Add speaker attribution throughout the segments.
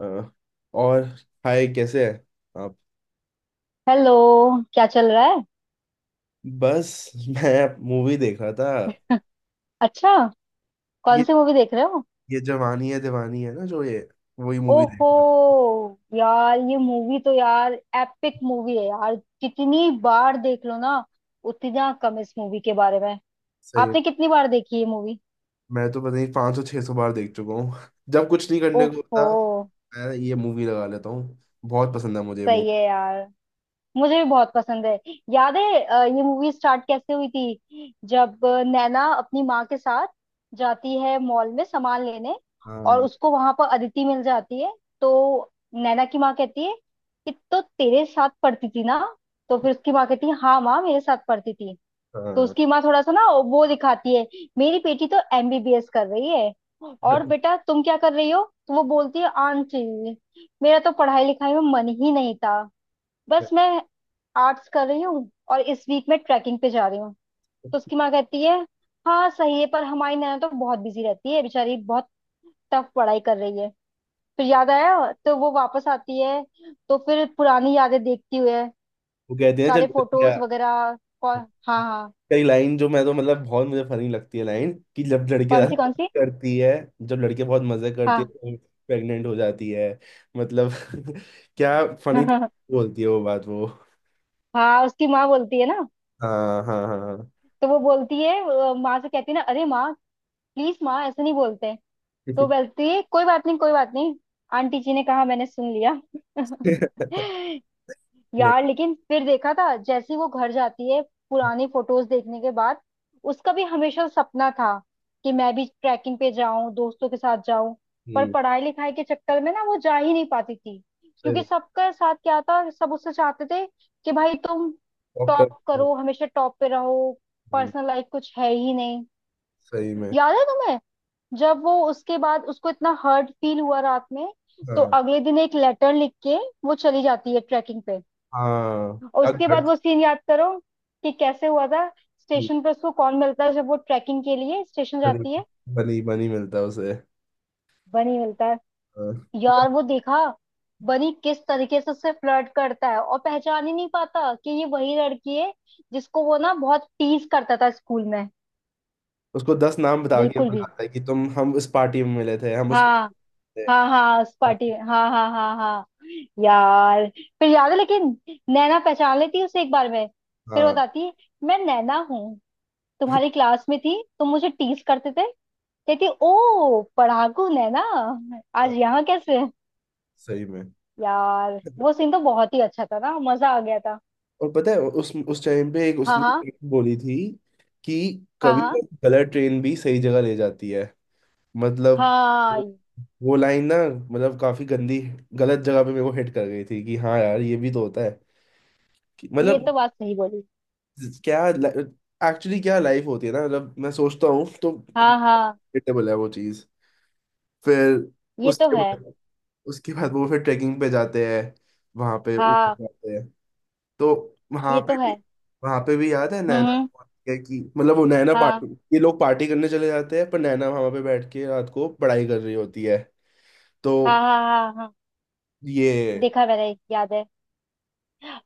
Speaker 1: अ, और हाय, कैसे हैं आप।
Speaker 2: हेलो। क्या चल रहा है?
Speaker 1: बस मैं मूवी देख रहा था।
Speaker 2: अच्छा, कौन
Speaker 1: ये
Speaker 2: सी मूवी देख रहे हो?
Speaker 1: ये जवानी है दीवानी है ना, जो ये वही मूवी देख
Speaker 2: ओहो,
Speaker 1: रहा था।
Speaker 2: यार ये मूवी तो यार एपिक मूवी है यार। जितनी बार देख लो ना, उतना कम इस मूवी के बारे में।
Speaker 1: सही है।
Speaker 2: आपने कितनी बार देखी ये मूवी?
Speaker 1: मैं तो पता नहीं, 500 600 बार देख चुका हूँ जब कुछ नहीं करने को
Speaker 2: ओहो,
Speaker 1: होता, मैं ये मूवी लगा लेता हूँ। बहुत पसंद है मुझे
Speaker 2: सही
Speaker 1: मूवी।
Speaker 2: है यार, मुझे भी बहुत पसंद है। याद है ये मूवी स्टार्ट कैसे हुई थी, जब नैना अपनी माँ के साथ जाती है मॉल में सामान लेने, और
Speaker 1: हाँ
Speaker 2: उसको वहां पर अदिति मिल जाती है। तो नैना की माँ कहती है कि तो तेरे साथ पढ़ती थी ना। तो फिर उसकी माँ कहती है, हाँ माँ मेरे साथ पढ़ती थी। तो
Speaker 1: हाँ,
Speaker 2: उसकी माँ थोड़ा सा ना वो दिखाती है, मेरी बेटी तो एमबीबीएस कर रही है, और बेटा तुम क्या कर रही हो? तो वो बोलती है, आंटी मेरा तो पढ़ाई लिखाई में मन ही नहीं था, बस मैं आर्ट्स कर रही हूँ और इस वीक में ट्रैकिंग पे जा रही हूँ। तो उसकी माँ कहती है, हाँ सही है, पर हमारी नैना तो बहुत बिजी रहती है बेचारी, बहुत टफ पढ़ाई कर रही है। फिर याद आया, तो वो वापस आती है। तो फिर पुरानी यादें देखती हुए
Speaker 1: वो कहते हैं
Speaker 2: सारे फोटोज
Speaker 1: चलो।
Speaker 2: वगैरह कौन। हाँ हाँ।
Speaker 1: कई लाइन जो मैं तो मतलब बहुत मुझे फनी लगती है लाइन, कि जब लड़के
Speaker 2: कौन
Speaker 1: ज्यादा
Speaker 2: सी कौन सी?
Speaker 1: मजे करती है। जब लड़के बहुत मजे करती है
Speaker 2: हाँ।
Speaker 1: तो प्रेग्नेंट हो जाती है। मतलब, क्या फनी। बोलती है वो बात वो।
Speaker 2: हाँ उसकी माँ बोलती है ना,
Speaker 1: हाँ, हाँ, हाँ।
Speaker 2: तो वो बोलती है, माँ से कहती है ना, अरे माँ प्लीज, माँ ऐसे नहीं बोलते। तो बोलती है, कोई बात नहीं कोई बात नहीं, आंटी जी ने कहा मैंने सुन लिया।
Speaker 1: नहीं।
Speaker 2: यार लेकिन फिर देखा था, जैसे ही वो घर जाती है पुरानी फोटोज देखने के बाद, उसका भी हमेशा सपना था कि मैं भी ट्रैकिंग पे जाऊं, दोस्तों के साथ जाऊं, पर
Speaker 1: हम्म।
Speaker 2: पढ़ाई लिखाई के चक्कर में ना वो जा ही नहीं पाती थी।
Speaker 1: सही
Speaker 2: क्योंकि
Speaker 1: में।
Speaker 2: सबका साथ क्या था, सब उससे चाहते थे कि भाई तुम टॉप
Speaker 1: डॉक्टर।
Speaker 2: करो, हमेशा टॉप पे रहो, पर्सनल लाइफ कुछ है ही नहीं।
Speaker 1: सही में।
Speaker 2: याद है जब वो, उसके बाद उसको इतना हर्ट फील हुआ रात में, तो
Speaker 1: हाँ
Speaker 2: अगले दिन एक लेटर लिख के वो चली जाती है ट्रैकिंग पे।
Speaker 1: हाँ,
Speaker 2: और
Speaker 1: क्या
Speaker 2: उसके बाद
Speaker 1: घट।
Speaker 2: वो सीन याद करो कि कैसे हुआ था। स्टेशन पर उसको कौन मिलता है जब वो ट्रैकिंग के लिए स्टेशन
Speaker 1: बनी।
Speaker 2: जाती है?
Speaker 1: बनी मिलता है उसे।
Speaker 2: बनी मिलता है।
Speaker 1: हाँ। बट
Speaker 2: यार वो देखा, बनी किस तरीके से उससे फ्लर्ट करता है और पहचान ही नहीं पाता कि ये वही लड़की है जिसको वो ना बहुत टीज करता था स्कूल में।
Speaker 1: उसको 10 नाम बता के
Speaker 2: बिल्कुल भी।
Speaker 1: बुलाता है कि तुम, हम इस पार्टी में मिले थे, हम उस,
Speaker 2: हाँ
Speaker 1: थे।
Speaker 2: हाँ, हाँ उस पार्टी में, हाँ हाँ हाँ हाँ। यार फिर याद है लेकिन, नैना पहचान लेती है उसे एक बार में। फिर वो
Speaker 1: हाँ
Speaker 2: बताती है, मैं नैना हूँ, तुम्हारी क्लास में थी, तुम मुझे टीज करते थे, कहती ओ पढ़ाकू नैना, आज
Speaker 1: हाँ।
Speaker 2: यहाँ कैसे?
Speaker 1: सही में।
Speaker 2: यार वो सीन तो बहुत ही अच्छा था ना, मजा आ गया था।
Speaker 1: और पता है, उस टाइम पे एक
Speaker 2: हाँ
Speaker 1: उसने
Speaker 2: हाँ
Speaker 1: एक बोली थी कि
Speaker 2: हाँ
Speaker 1: कभी
Speaker 2: हाँ
Speaker 1: कभी गलत ट्रेन भी सही जगह ले जाती है। मतलब
Speaker 2: हाँ।
Speaker 1: वो वो लाइन ना, मतलब काफी गंदी, गलत जगह पे मेरे को हिट कर गई थी कि हाँ यार, ये भी तो होता है कि
Speaker 2: ये
Speaker 1: मतलब
Speaker 2: तो बात सही बोली।
Speaker 1: क्या, एक्चुअली क्या लाइफ होती है ना, मतलब मैं सोचता हूँ तो,
Speaker 2: हाँ हाँ
Speaker 1: रिलेटेबल है वो चीज। फिर
Speaker 2: ये तो
Speaker 1: उसके
Speaker 2: है।
Speaker 1: बाद उसके बाद वो फिर ट्रैकिंग पे जाते हैं। वहां पे ऊपर
Speaker 2: हाँ
Speaker 1: जाते हैं, तो वहां
Speaker 2: ये
Speaker 1: पे
Speaker 2: तो
Speaker 1: भी
Speaker 2: है।
Speaker 1: वहां पे भी याद है,
Speaker 2: हम्म
Speaker 1: नैना
Speaker 2: हम्म,
Speaker 1: बोलती है कि मतलब वो नैना
Speaker 2: हाँ
Speaker 1: पार्टी। ये लोग पार्टी करने चले जाते हैं पर नैना वहां पे बैठ के रात को पढ़ाई कर रही होती है। तो
Speaker 2: हाँ हाँ हाँ हाँ।
Speaker 1: ये,
Speaker 2: देखा मैंने, याद है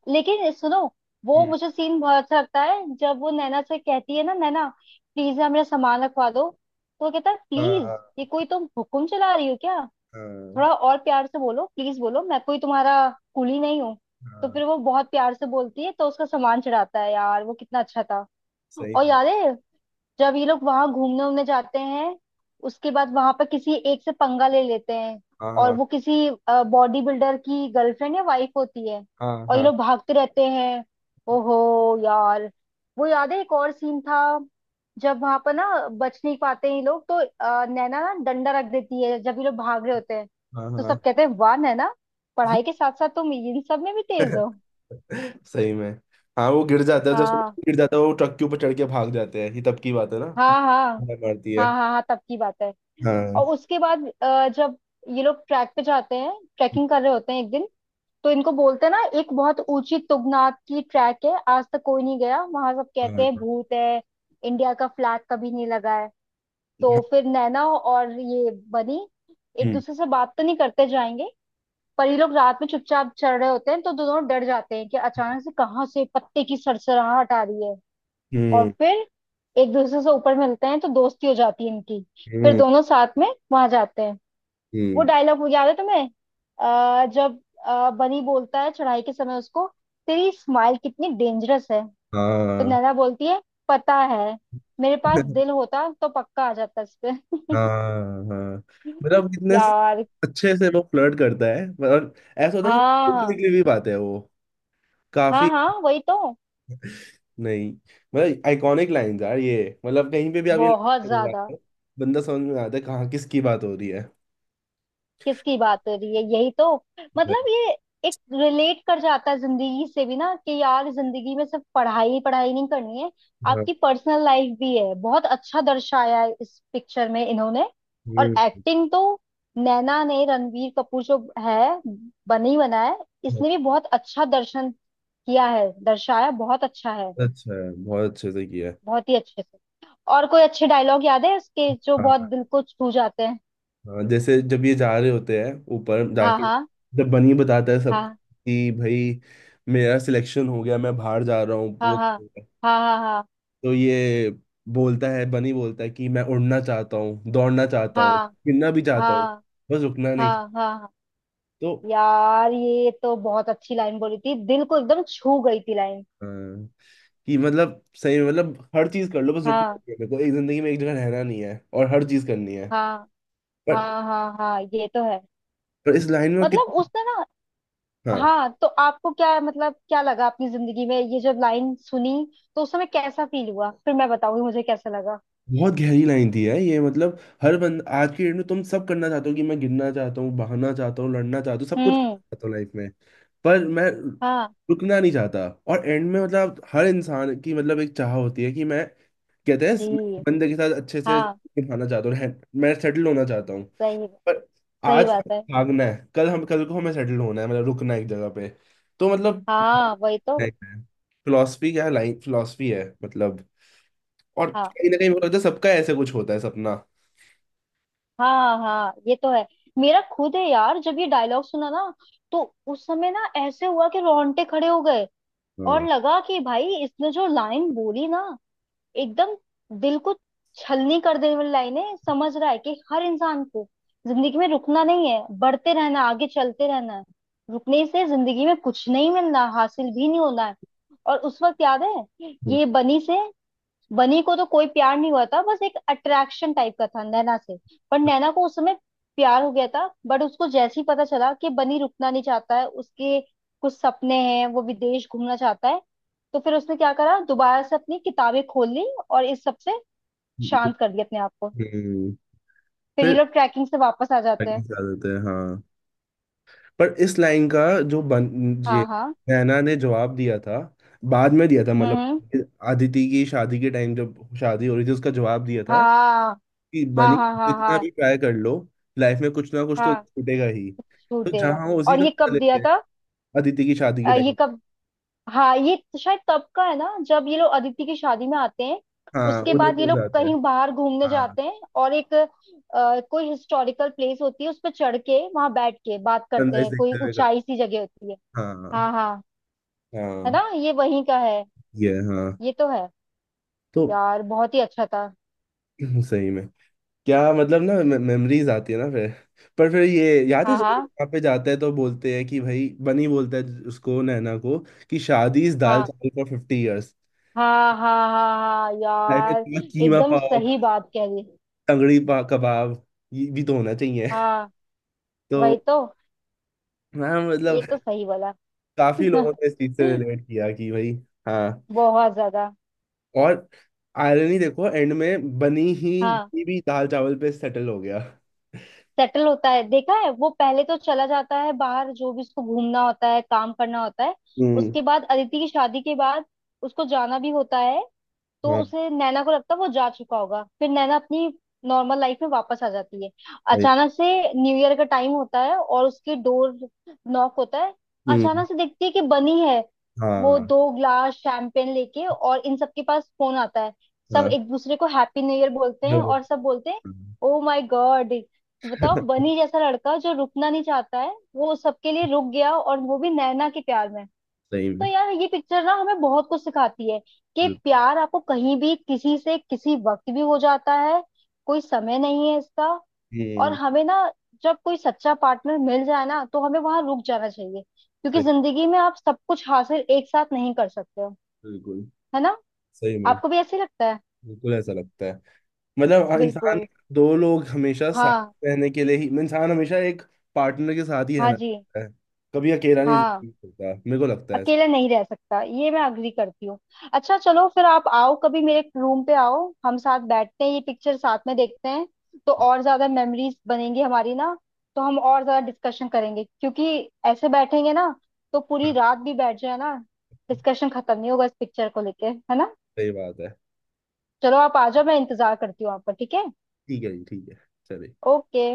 Speaker 2: लेकिन, सुनो, वो
Speaker 1: हम्म।
Speaker 2: मुझे सीन बहुत अच्छा लगता है जब वो नैना से कहती है ना, नैना प्लीज ना मेरा सामान रखवा दो। तो वो कहता है,
Speaker 1: हाँ,
Speaker 2: प्लीज,
Speaker 1: हाँ,
Speaker 2: ये कोई तुम हुक्म चला रही हो क्या?
Speaker 1: हाँ,
Speaker 2: थोड़ा और प्यार से बोलो, प्लीज बोलो, मैं कोई तुम्हारा कुली नहीं हूँ। तो
Speaker 1: हाँ,
Speaker 2: फिर वो बहुत प्यार से बोलती है तो उसका सामान चढ़ाता है। यार वो कितना अच्छा था।
Speaker 1: सही
Speaker 2: और
Speaker 1: में।
Speaker 2: याद है, जब ये लोग वहां घूमने उमने जाते हैं उसके बाद, वहां पर किसी एक से पंगा ले लेते हैं,
Speaker 1: हाँ,
Speaker 2: और
Speaker 1: हाँ,
Speaker 2: वो किसी बॉडी बिल्डर की गर्लफ्रेंड या वाइफ होती है
Speaker 1: हाँ,
Speaker 2: और ये
Speaker 1: हाँ,
Speaker 2: लोग भागते रहते हैं। ओहो यार, वो याद है एक और सीन था, जब वहां पर ना बच नहीं पाते ये लोग, तो नैना ना डंडा रख देती है जब ये लोग भाग रहे होते हैं।
Speaker 1: हाँ,
Speaker 2: तो
Speaker 1: हाँ,
Speaker 2: सब कहते हैं, वाह नैना, पढ़ाई के साथ साथ तुम इन सब में भी तेज हो।
Speaker 1: सही में। हाँ, वो गिर जाता है, जब उसमें
Speaker 2: हाँ
Speaker 1: गिर जाता है वो ट्रक के ऊपर चढ़ के भाग जाते हैं, ये तब की बात है ना,
Speaker 2: हाँ हाँ
Speaker 1: हाँ, मारती है।
Speaker 2: हाँ हाँ हाँ तब की बात है।
Speaker 1: हाँ
Speaker 2: और उसके बाद जब ये लोग ट्रैक पे जाते हैं, ट्रैकिंग कर रहे होते हैं एक दिन, तो इनको बोलते हैं ना एक बहुत ऊंची तुंगनाथ की ट्रैक है, आज तक कोई नहीं गया वहां, सब कहते
Speaker 1: हाँ,
Speaker 2: हैं भूत है, इंडिया का फ्लैग कभी नहीं लगा है। तो फिर नैना और ये बनी एक
Speaker 1: हम्म,
Speaker 2: दूसरे से बात तो नहीं करते जाएंगे, पर ये लोग रात में चुपचाप चल रहे होते हैं तो दोनों डर जाते हैं कि अचानक से कहाँ से पत्ते की सरसराहट आ रही है। और
Speaker 1: हम्म,
Speaker 2: फिर एक दूसरे से ऊपर मिलते हैं तो दोस्ती हो जाती है इनकी। फिर
Speaker 1: हम्म,
Speaker 2: दोनों साथ में वहां जाते हैं। वो
Speaker 1: हम्म,
Speaker 2: डायलॉग याद है तुम्हें, जब बनी बोलता है चढ़ाई के समय उसको, तेरी स्माइल कितनी डेंजरस है। तो
Speaker 1: हाँ,
Speaker 2: नैना बोलती है, पता है, मेरे पास दिल होता तो पक्का आ जाता इस पे।
Speaker 1: हाँ हाँ, मतलब कितने
Speaker 2: यार।
Speaker 1: अच्छे से वो फ्लर्ट करता है, और ऐसा होता है कि
Speaker 2: हाँ
Speaker 1: बोलने
Speaker 2: हाँ
Speaker 1: के लिए भी बात है वो,
Speaker 2: हाँ
Speaker 1: काफी।
Speaker 2: हाँ वही तो,
Speaker 1: नहीं मतलब आइकॉनिक लाइन यार ये, मतलब कहीं पे भी आप ये
Speaker 2: बहुत ज्यादा।
Speaker 1: लाइन, बंदा समझ में आता है कहाँ किसकी बात हो रही है।
Speaker 2: किसकी बात हो रही है, यही तो मतलब ये एक रिलेट कर जाता है जिंदगी से भी ना कि यार जिंदगी में सिर्फ पढ़ाई ही पढ़ाई नहीं करनी है,
Speaker 1: हाँ,
Speaker 2: आपकी पर्सनल लाइफ भी है। बहुत अच्छा दर्शाया है इस पिक्चर में इन्होंने। और
Speaker 1: हम्म।
Speaker 2: एक्टिंग तो, नैना ने, रणवीर कपूर जो है बनी बना है, इसने भी बहुत अच्छा दर्शन किया है, दर्शाया बहुत अच्छा है।
Speaker 1: अच्छा है, बहुत अच्छे से किया है।
Speaker 2: बहुत ही अच्छे से। और कोई अच्छे डायलॉग याद है उसके जो बहुत
Speaker 1: हाँ
Speaker 2: दिल को छू जाते हैं?
Speaker 1: हाँ, जैसे जब ये जा रहे होते हैं, ऊपर
Speaker 2: हाँ
Speaker 1: जाके,
Speaker 2: हाँ
Speaker 1: जब बनी बताता है सब
Speaker 2: हाँ
Speaker 1: कि भाई मेरा सिलेक्शन हो गया, मैं बाहर जा रहा हूँ,
Speaker 2: हाँ
Speaker 1: वो,
Speaker 2: हाँ हाँ हाँ हाँ
Speaker 1: तो ये बोलता है, बनी बोलता है कि मैं उड़ना चाहता हूँ, दौड़ना चाहता हूँ,
Speaker 2: हाँ
Speaker 1: गिरना भी चाहता हूँ,
Speaker 2: हाँ
Speaker 1: बस रुकना नहीं चाहता।
Speaker 2: हाँ हाँ हाँ।
Speaker 1: तो
Speaker 2: यार ये तो बहुत अच्छी लाइन बोली थी, दिल को एकदम छू गई थी लाइन।
Speaker 1: हाँ, कि मतलब सही में, मतलब हर चीज कर लो, बस रुकना
Speaker 2: हाँ
Speaker 1: नहीं है मेरे को, एक जिंदगी में एक जगह रहना नहीं है और हर चीज करनी है।
Speaker 2: हाँ
Speaker 1: पर,
Speaker 2: हाँ हाँ हाँ, ये तो है।
Speaker 1: पर इस लाइन में
Speaker 2: मतलब
Speaker 1: कितनी,
Speaker 2: उसने ना,
Speaker 1: हाँ,
Speaker 2: हाँ, तो आपको क्या मतलब क्या लगा अपनी जिंदगी में ये, जब लाइन सुनी तो उस समय कैसा फील हुआ? फिर मैं बताऊंगी मुझे कैसा लगा।
Speaker 1: बहुत गहरी लाइन थी है ये, मतलब हर बंद आज की डेट में तुम सब करना चाहते हो कि मैं गिरना चाहता हूँ, बहाना चाहता हूँ, लड़ना चाहता हूँ, सब कुछ करना
Speaker 2: हम्म,
Speaker 1: चाहता हूँ लाइफ में, पर मैं
Speaker 2: हाँ
Speaker 1: रुकना नहीं चाहता। और एंड में मतलब हर इंसान की, मतलब एक चाह होती है कि मैं, कहते हैं
Speaker 2: जी,
Speaker 1: मैं बंदे के साथ अच्छे से
Speaker 2: हाँ,
Speaker 1: निभाना चाहता हूँ मैं सेटल होना चाहता हूँ।
Speaker 2: सही,
Speaker 1: पर
Speaker 2: सही
Speaker 1: आज
Speaker 2: बात है।
Speaker 1: भागना है, कल को हमें सेटल होना है, मतलब रुकना है एक जगह पे। तो मतलब
Speaker 2: हाँ वही तो,
Speaker 1: फिलोसफी क्या है, लाइन फिलोसफी है मतलब, और
Speaker 2: हाँ
Speaker 1: कहीं ना कहीं मुझे लगता है सबका ऐसे कुछ होता है सपना।
Speaker 2: हाँ हाँ, ये तो है। मेरा खुद है यार, जब ये डायलॉग सुना ना, तो उस समय ना ऐसे हुआ कि रोंगटे खड़े हो गए। और
Speaker 1: हाँ,
Speaker 2: लगा कि भाई इसने जो लाइन बोली ना, एकदम दिल को छलनी कर देने वाली लाइन है, समझ रहा है कि हर इंसान को जिंदगी में रुकना नहीं है, बढ़ते रहना है, आगे चलते रहना है। रुकने से जिंदगी में कुछ नहीं मिलना, हासिल भी नहीं होना है। और उस वक्त याद है, ये बनी से, बनी को तो कोई प्यार नहीं हुआ था, बस एक अट्रैक्शन टाइप का था नैना से। पर नैना को उस समय प्यार हो गया था, बट उसको जैसे ही पता चला कि बनी रुकना नहीं चाहता है, उसके कुछ सपने हैं, वो विदेश घूमना चाहता है, तो फिर उसने क्या करा, दोबारा से अपनी किताबें खोल ली और इस सब से
Speaker 1: हम्म।
Speaker 2: शांत कर दिया अपने आप को। फिर ये
Speaker 1: फिर
Speaker 2: लोग ट्रैकिंग से वापस आ जाते
Speaker 1: आगे
Speaker 2: हैं।
Speaker 1: चल देते हैं, हाँ। पर इस लाइन का, जो बन ये
Speaker 2: हाँ हाँ।
Speaker 1: नैना ने जवाब दिया था, बाद में दिया था,
Speaker 2: हम्म हम्म,
Speaker 1: मतलब अदिति की शादी के टाइम जब शादी हो रही थी, उसका जवाब दिया था
Speaker 2: हाँ
Speaker 1: कि
Speaker 2: हाँ
Speaker 1: बनी,
Speaker 2: हाँ हाँ
Speaker 1: जितना
Speaker 2: हाँ
Speaker 1: भी ट्राई कर लो, लाइफ में कुछ ना कुछ तो
Speaker 2: हाँ
Speaker 1: छूटेगा ही। तो
Speaker 2: छूटेगा।
Speaker 1: जहाँ हो उसी
Speaker 2: और
Speaker 1: का
Speaker 2: ये
Speaker 1: मजा
Speaker 2: कब
Speaker 1: लेते
Speaker 2: दिया
Speaker 1: हैं।
Speaker 2: था?
Speaker 1: अदिति की शादी के
Speaker 2: ये
Speaker 1: टाइम।
Speaker 2: कब, हाँ ये तो शायद तब का है ना, जब ये लोग अदिति की शादी में आते हैं
Speaker 1: हाँ,
Speaker 2: उसके बाद ये
Speaker 1: उदयपुर
Speaker 2: लोग
Speaker 1: जाते हैं।
Speaker 2: कहीं बाहर घूमने
Speaker 1: हाँ,
Speaker 2: जाते हैं और एक कोई हिस्टोरिकल प्लेस होती है, उस पर चढ़ के वहां बैठ के बात करते
Speaker 1: सनराइज
Speaker 2: हैं, कोई
Speaker 1: देखते हुए करते
Speaker 2: ऊंचाई सी जगह होती है।
Speaker 1: हैं। हाँ
Speaker 2: हाँ हाँ, है
Speaker 1: हाँ।
Speaker 2: ना, ये वहीं का है।
Speaker 1: ये, हाँ,
Speaker 2: ये तो है।
Speaker 1: तो
Speaker 2: यार बहुत ही अच्छा था।
Speaker 1: सही में, क्या मतलब ना, मेमोरीज आती है ना फिर। पर फिर ये याद है,
Speaker 2: हाँ
Speaker 1: जब ये
Speaker 2: हाँ
Speaker 1: यहाँ पे जाते हैं तो बोलते हैं कि भाई बनी बोलता है उसको, नैना को कि शादी इस दाल
Speaker 2: हाँ
Speaker 1: चावल फॉर 50 ईयर्स,
Speaker 2: हाँ हाँ हाँ हाँ
Speaker 1: लाइफ में
Speaker 2: यार,
Speaker 1: थोड़ा कीमा
Speaker 2: एकदम
Speaker 1: पाव,
Speaker 2: सही बात कह रही।
Speaker 1: तंगड़ी पा कबाब, ये भी तो होना चाहिए।
Speaker 2: हाँ
Speaker 1: तो
Speaker 2: वही तो,
Speaker 1: हाँ
Speaker 2: ये
Speaker 1: मतलब,
Speaker 2: तो सही बोला।
Speaker 1: काफी लोगों ने इस चीज से रिलेट किया कि भाई, हाँ,
Speaker 2: बहुत ज्यादा।
Speaker 1: और आयरनी देखो, एंड में बनी ही
Speaker 2: हाँ,
Speaker 1: बनी भी दाल चावल पे सेटल हो गया।
Speaker 2: सेटल होता है, देखा है। वो पहले तो चला जाता है बाहर, जो भी उसको घूमना होता है, काम करना होता है।
Speaker 1: हम्म,
Speaker 2: उसके बाद अदिति की शादी के बाद उसको जाना भी होता है। तो
Speaker 1: हाँ,
Speaker 2: उसे, नैना को लगता है वो जा चुका होगा, फिर नैना अपनी नॉर्मल लाइफ में वापस आ जाती है।
Speaker 1: भाई,
Speaker 2: अचानक से न्यू ईयर का टाइम होता है और उसकी डोर नॉक होता है।
Speaker 1: हम्म,
Speaker 2: अचानक से देखती है कि बनी है, वो
Speaker 1: हाँ,
Speaker 2: दो ग्लास शैंपेन लेके, और इन सबके पास फोन आता है, सब
Speaker 1: हाँ,
Speaker 2: एक दूसरे को हैप्पी न्यू ईयर बोलते हैं,
Speaker 1: हाँ।
Speaker 2: और सब बोलते हैं ओ माय गॉड, बताओ बनी जैसा लड़का जो रुकना नहीं चाहता है वो सबके लिए रुक गया और वो भी नैना के प्यार में।
Speaker 1: सही
Speaker 2: तो
Speaker 1: में।
Speaker 2: यार ये पिक्चर ना हमें बहुत कुछ सिखाती है, कि प्यार आपको कहीं भी, किसी से, किसी वक्त भी हो जाता है, कोई समय नहीं है इसका। और
Speaker 1: हम्म।
Speaker 2: हमें ना, जब कोई सच्चा पार्टनर मिल जाए ना, तो हमें वहां रुक जाना चाहिए, क्योंकि
Speaker 1: सही।
Speaker 2: जिंदगी में आप सब कुछ हासिल एक साथ नहीं कर सकते हो।
Speaker 1: बिल्कुल।
Speaker 2: है ना,
Speaker 1: सही में।
Speaker 2: आपको भी ऐसे ही लगता है?
Speaker 1: बिल्कुल ऐसा लगता है। मतलब इंसान,
Speaker 2: बिल्कुल।
Speaker 1: दो लोग हमेशा साथ
Speaker 2: हाँ,
Speaker 1: रहने के लिए ही, इंसान हमेशा एक पार्टनर के साथ ही
Speaker 2: हाँ
Speaker 1: रहना
Speaker 2: जी,
Speaker 1: चाहता है। कभी अकेला नहीं
Speaker 2: हाँ,
Speaker 1: जिंदगी में चलता, मेरे को लगता है ऐसा।
Speaker 2: अकेले नहीं रह सकता, ये मैं अग्री करती हूँ। अच्छा चलो, फिर आप आओ कभी मेरे रूम पे, आओ हम साथ बैठते हैं, ये पिक्चर साथ में देखते हैं, तो और ज्यादा मेमोरीज बनेंगी हमारी ना, तो हम और ज्यादा डिस्कशन करेंगे। क्योंकि ऐसे बैठेंगे ना तो पूरी
Speaker 1: हाँ,
Speaker 2: रात भी बैठ जाए ना, डिस्कशन खत्म नहीं होगा इस पिक्चर को लेके, है ना?
Speaker 1: सही बात है।
Speaker 2: चलो आप आ जाओ, मैं इंतजार करती हूँ आपका, ठीक है?
Speaker 1: ठीक है जी, ठीक है। चलिए।
Speaker 2: ओके।